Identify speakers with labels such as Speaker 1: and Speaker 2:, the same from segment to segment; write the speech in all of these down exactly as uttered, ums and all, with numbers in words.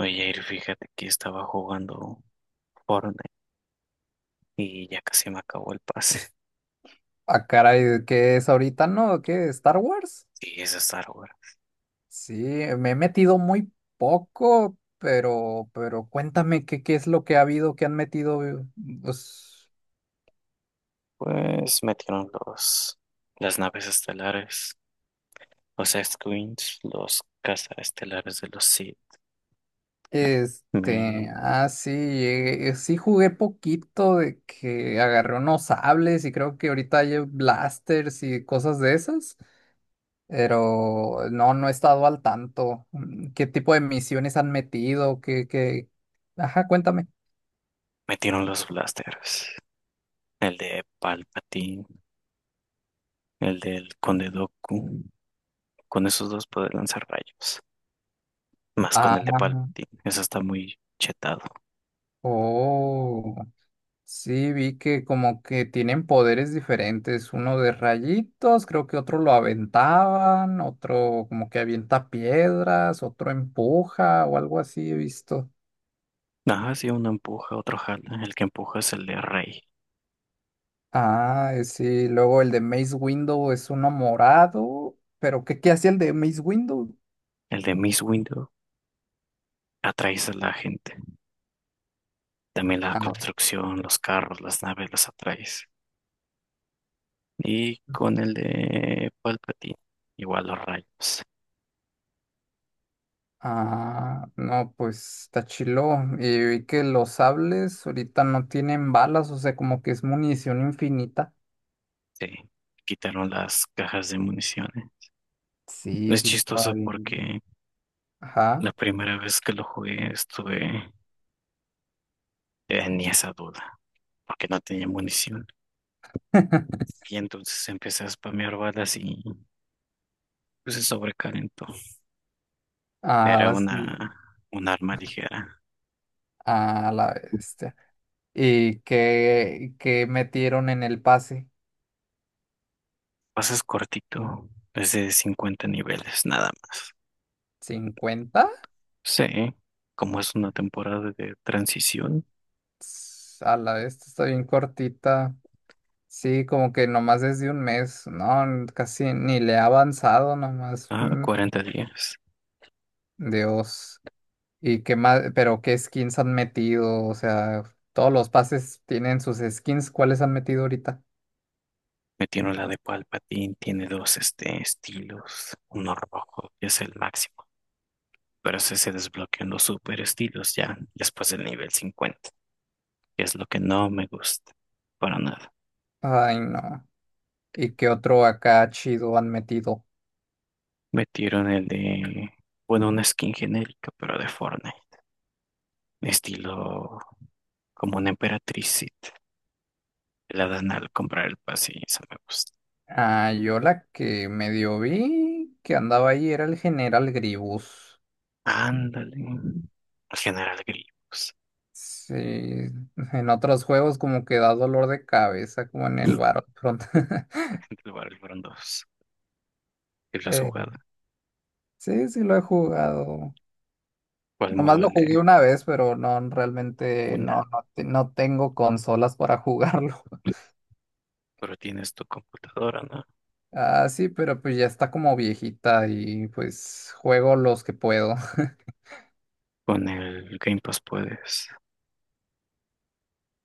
Speaker 1: Oye, Jair, fíjate que estaba jugando Fortnite y ya casi me acabó el pase.
Speaker 2: Ah, caray, ¿qué es ahorita, no? ¿Qué? ¿Star Wars?
Speaker 1: Y es de Star Wars.
Speaker 2: Sí, me he metido muy poco, pero, pero cuéntame qué, qué es lo que ha habido, qué han metido. eh, Pues,
Speaker 1: Pues metieron los, las naves estelares, los X-Wings, los estelares de los Sith.
Speaker 2: este,
Speaker 1: Me
Speaker 2: ah, sí, eh, sí jugué poquito de que agarré unos sables y creo que ahorita hay blasters y cosas de esas, pero no, no he estado al tanto. Mm, ¿Qué tipo de misiones han metido? ¿Qué, qué? Ajá, cuéntame.
Speaker 1: metieron los blasters, el de Palpatine, el del Conde Dooku. Con esos dos puedes lanzar rayos, más con
Speaker 2: Ah,
Speaker 1: el de Palpatine. Eso está muy chetado.
Speaker 2: oh. Sí, vi que como que tienen poderes diferentes, uno de rayitos, creo que otro lo aventaban, otro como que avienta piedras, otro empuja o algo así he visto.
Speaker 1: Ajá, sí, uno empuja, otro jala. El que empuja es el de Rey.
Speaker 2: Ah, eh, sí, luego el de Mace Window es uno morado, pero ¿qué, ¿qué hacía el de Mace Window?
Speaker 1: El de Miss Windu atraes a la gente. También la
Speaker 2: Ah,
Speaker 1: construcción, los carros, las naves, los atraes. Y con el de Palpatine, igual los rayos.
Speaker 2: ah, no, pues está chilo. Y vi que los sables ahorita no tienen balas, o sea, como que es munición infinita.
Speaker 1: Sí, quitaron las cajas de municiones.
Speaker 2: Sí,
Speaker 1: Es
Speaker 2: sí, está
Speaker 1: chistoso
Speaker 2: bien.
Speaker 1: porque
Speaker 2: Ajá.
Speaker 1: la primera vez que lo jugué estuve en esa duda, porque no tenía munición. Y entonces empecé a spamear balas y pues, se sobrecalentó. Era
Speaker 2: Ah,
Speaker 1: una,
Speaker 2: sí,
Speaker 1: un arma ligera.
Speaker 2: a la bestia. ¿Y qué, ¿qué metieron en el pase?
Speaker 1: Pasas cortito, es de cincuenta niveles, nada.
Speaker 2: Cincuenta.
Speaker 1: Sí, como es una temporada de transición,
Speaker 2: Ts, a la bestia, está bien cortita. Sí, como que nomás es de un mes, ¿no? n- Casi ni le ha avanzado nomás.
Speaker 1: ah,
Speaker 2: mm,
Speaker 1: cuarenta días.
Speaker 2: Dios. ¿Y qué más? ¿Pero qué skins han metido? O sea, todos los pases tienen sus skins. ¿Cuáles han metido ahorita?
Speaker 1: Metieron la de Palpatine, tiene dos este, estilos, uno rojo, que es el máximo, pero ese se desbloquean los super estilos ya después del nivel cincuenta, que es lo que no me gusta, para nada.
Speaker 2: Ay, no. ¿Y qué otro acá chido han metido?
Speaker 1: Metieron el de, bueno, una skin genérica, pero de Fortnite, estilo como una emperatriz, Sith. La dan al comprar el pase y eso me gusta.
Speaker 2: Ah, yo la que medio vi que andaba ahí era el General Gribus.
Speaker 1: Ándale, el general Grievous.
Speaker 2: Sí, en otros juegos como que da dolor de cabeza, como en el Battlefront.
Speaker 1: Entre el barril fueron dos. Y la
Speaker 2: Eh,
Speaker 1: jugada.
Speaker 2: sí, sí lo he jugado.
Speaker 1: ¿Cuál modo
Speaker 2: Nomás
Speaker 1: de
Speaker 2: lo jugué una vez, pero no, realmente no,
Speaker 1: una?
Speaker 2: no, te- no tengo consolas para jugarlo.
Speaker 1: Pero tienes tu computadora, ¿no?
Speaker 2: Ah, sí, pero pues ya está como viejita y pues juego los que puedo.
Speaker 1: Con el Game Pass puedes,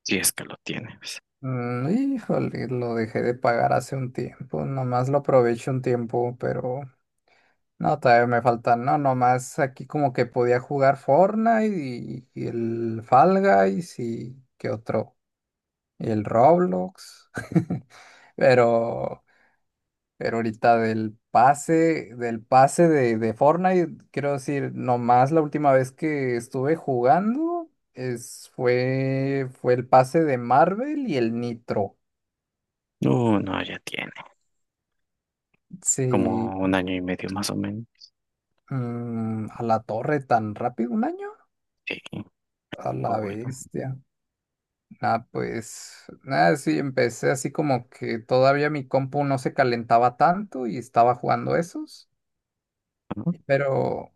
Speaker 1: si es que lo tienes.
Speaker 2: Mm, Híjole, lo dejé de pagar hace un tiempo, nomás lo aprovecho un tiempo, pero no, todavía me faltan, no, nomás aquí como que podía jugar Fortnite y, y el Fall Guys y qué otro, y el Roblox, pero, pero ahorita del pase, del pase de, de Fortnite, quiero decir, nomás la última vez que estuve jugando es, fue, fue el pase de Marvel y el Nitro.
Speaker 1: No, no, ya tiene.
Speaker 2: Sí,
Speaker 1: Como un año y medio más o menos.
Speaker 2: mm, a la torre tan rápido un año,
Speaker 1: Sí,
Speaker 2: a la
Speaker 1: o bueno,
Speaker 2: bestia. Ah, pues nada, sí, empecé así como que todavía mi compu no se calentaba tanto y estaba jugando esos,
Speaker 1: ¿no?
Speaker 2: pero,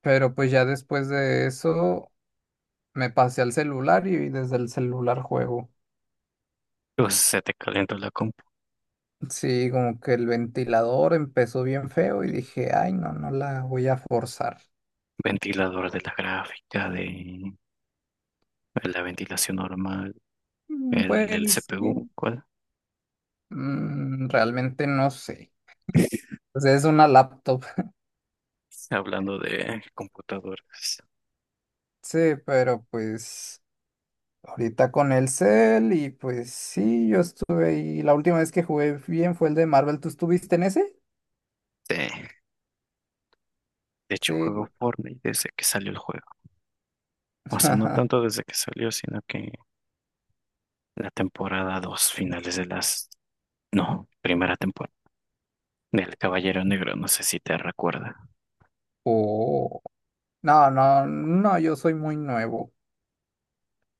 Speaker 2: pero pues ya después de eso me pasé al celular y desde el celular juego.
Speaker 1: Pues se te calienta la compu.
Speaker 2: Sí, como que el ventilador empezó bien feo y dije, ay, no, no la voy a forzar.
Speaker 1: Ventilador de la gráfica, de la ventilación normal,
Speaker 2: Mm,
Speaker 1: el del
Speaker 2: pues, ¿qué?
Speaker 1: C P U, ¿cuál?
Speaker 2: Mm, realmente no sé. Pues es una laptop.
Speaker 1: Hablando de computadoras.
Speaker 2: Sí, pero pues... Ahorita con el Cell y pues sí, yo estuve ahí. La última vez que jugué bien fue el de Marvel. ¿Tú estuviste en ese?
Speaker 1: Sí. De hecho, juego
Speaker 2: Sí.
Speaker 1: Fortnite desde que salió el juego. O sea, no tanto desde que salió, sino que la temporada dos finales de las... No, primera temporada del Caballero Negro, no sé si te recuerda.
Speaker 2: Oh. No, no, no, yo soy muy nuevo.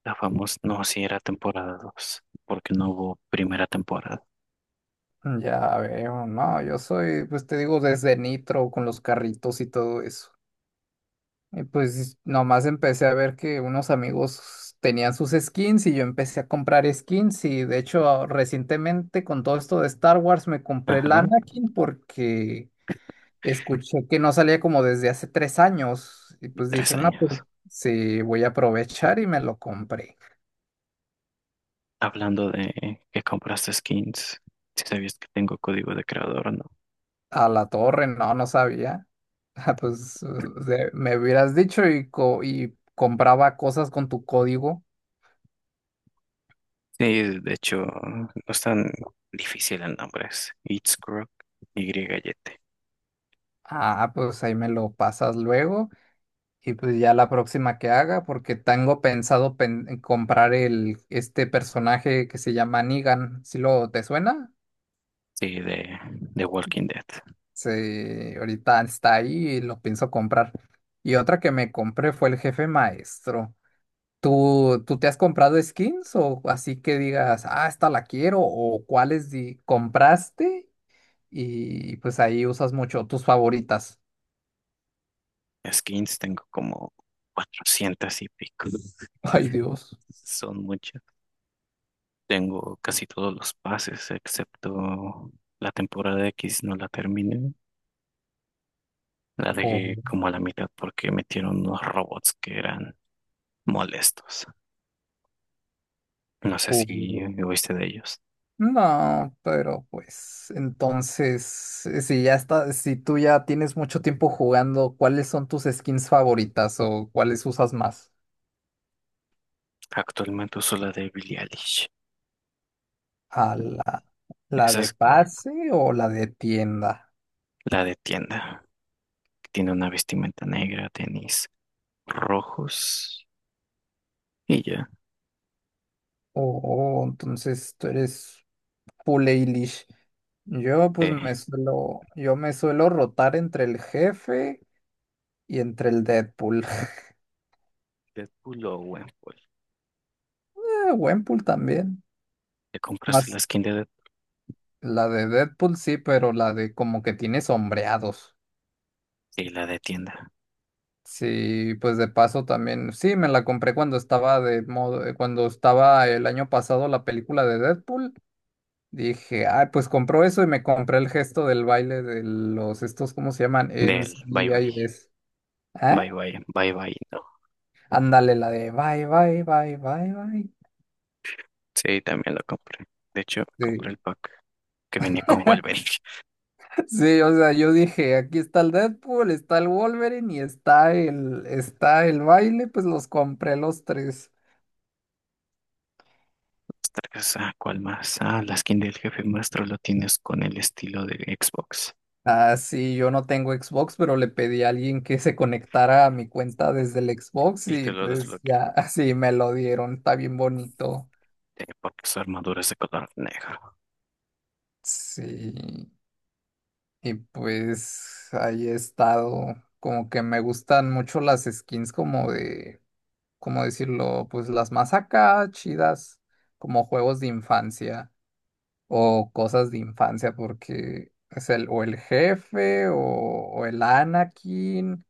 Speaker 1: La famosa... No, sí era temporada dos porque no hubo primera temporada.
Speaker 2: Ya veo, no, yo soy, pues te digo, desde Nitro con los carritos y todo eso. Y pues nomás empecé a ver que unos amigos tenían sus skins y yo empecé a comprar skins y de hecho recientemente con todo esto de Star Wars me compré el
Speaker 1: Ajá,
Speaker 2: Anakin porque escuché que no salía como desde hace tres años y
Speaker 1: y
Speaker 2: pues
Speaker 1: tres
Speaker 2: dije, no, pues
Speaker 1: años.
Speaker 2: sí, voy a aprovechar y me lo compré.
Speaker 1: Hablando de que compraste skins, si sabías que tengo código de creador, ¿no?
Speaker 2: A la torre, no, no sabía. Ah, Pues de- me hubieras dicho y, co- y compraba cosas con tu código.
Speaker 1: Sí, de hecho, no es tan difícil el nombre, es It's Croc, Y-Y-T,
Speaker 2: Ah, pues ahí me lo pasas luego y pues ya la próxima que haga, porque tengo pensado pen- comprar el, este personaje que se llama Negan. ¿Si lo te suena?
Speaker 1: sí, de, de Walking Dead.
Speaker 2: Sí, ahorita está ahí y lo pienso comprar. Y otra que me compré fue el jefe maestro. ¿Tú, ¿tú te has comprado skins o así que digas, ah, esta la quiero o cuáles di- compraste y pues ahí usas mucho tus favoritas?
Speaker 1: Skins, tengo como cuatrocientas y pico.
Speaker 2: Ay, Dios.
Speaker 1: Son muchas. Tengo casi todos los pases, excepto la temporada X, no la terminé. La
Speaker 2: O,
Speaker 1: dejé como a la mitad porque metieron unos robots que eran molestos. No sé si
Speaker 2: o-
Speaker 1: oíste de ellos.
Speaker 2: No, pero pues entonces, eh, si ya está, si tú ya tienes mucho tiempo jugando, ¿cuáles son tus skins favoritas o cuáles usas más?
Speaker 1: Actualmente uso la de Billie Eilish.
Speaker 2: ¿A la, la
Speaker 1: Esa
Speaker 2: de
Speaker 1: es
Speaker 2: pase o la de tienda?
Speaker 1: la de tienda. Tiene una vestimenta negra, tenis rojos y ya.
Speaker 2: Oh, entonces tú eres full Eilish. Yo pues
Speaker 1: De
Speaker 2: me suelo, yo me suelo rotar entre el jefe y entre el Deadpool.
Speaker 1: Deadpool o Gwenpool.
Speaker 2: Buen pool también.
Speaker 1: ¿Te compraste
Speaker 2: Más
Speaker 1: la skin de
Speaker 2: la de Deadpool sí, pero la de como que tiene sombreados.
Speaker 1: sí, la de tienda.
Speaker 2: Sí, pues de paso también. Sí, me la compré cuando estaba de modo, cuando estaba el año pasado la película de Deadpool. Dije, ah, pues compró eso y me compré el gesto del baile de los estos, ¿cómo se llaman? En
Speaker 1: Del bye bye.
Speaker 2: N C I S.
Speaker 1: Bye
Speaker 2: ¿Ah?
Speaker 1: bye. Bye bye. No.
Speaker 2: Ándale, la de bye, bye, bye, bye, bye.
Speaker 1: Sí, también lo compré. De hecho, compré el
Speaker 2: Sí.
Speaker 1: pack que venía con Wolverine.
Speaker 2: Sí, o sea, yo dije, aquí está el Deadpool, está el Wolverine y está el, está el baile, pues los compré los tres.
Speaker 1: Ostras, ah, ¿cuál más? Ah, la skin del jefe maestro lo tienes con el estilo de Xbox.
Speaker 2: Ah, sí, yo no tengo Xbox, pero le pedí a alguien que se conectara a mi cuenta desde el Xbox
Speaker 1: Y te
Speaker 2: y
Speaker 1: lo
Speaker 2: pues
Speaker 1: desbloqueo,
Speaker 2: ya, así me lo dieron, está bien bonito.
Speaker 1: eh, porque su armadura es de color negro.
Speaker 2: Sí. Y pues ahí he estado, como que me gustan mucho las skins como de, ¿cómo decirlo? Pues las más acá chidas, como juegos de infancia o cosas de infancia, porque es el o el jefe o, o el Anakin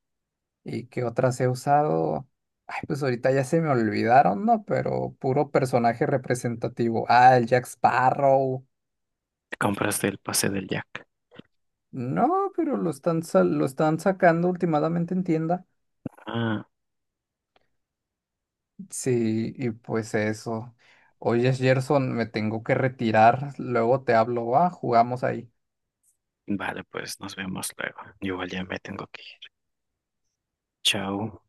Speaker 2: y qué otras he usado. Ay, pues ahorita ya se me olvidaron, ¿no? Pero puro personaje representativo. Ah, el Jack Sparrow.
Speaker 1: Te compras el pase del Jack.
Speaker 2: No, pero lo están, sa- lo están sacando últimamente en tienda.
Speaker 1: Ah,
Speaker 2: Sí, y pues eso. Oye, Gerson, me tengo que retirar. Luego te hablo, va, jugamos ahí.
Speaker 1: vale, pues nos vemos luego. Yo igual ya me tengo que ir. Chao.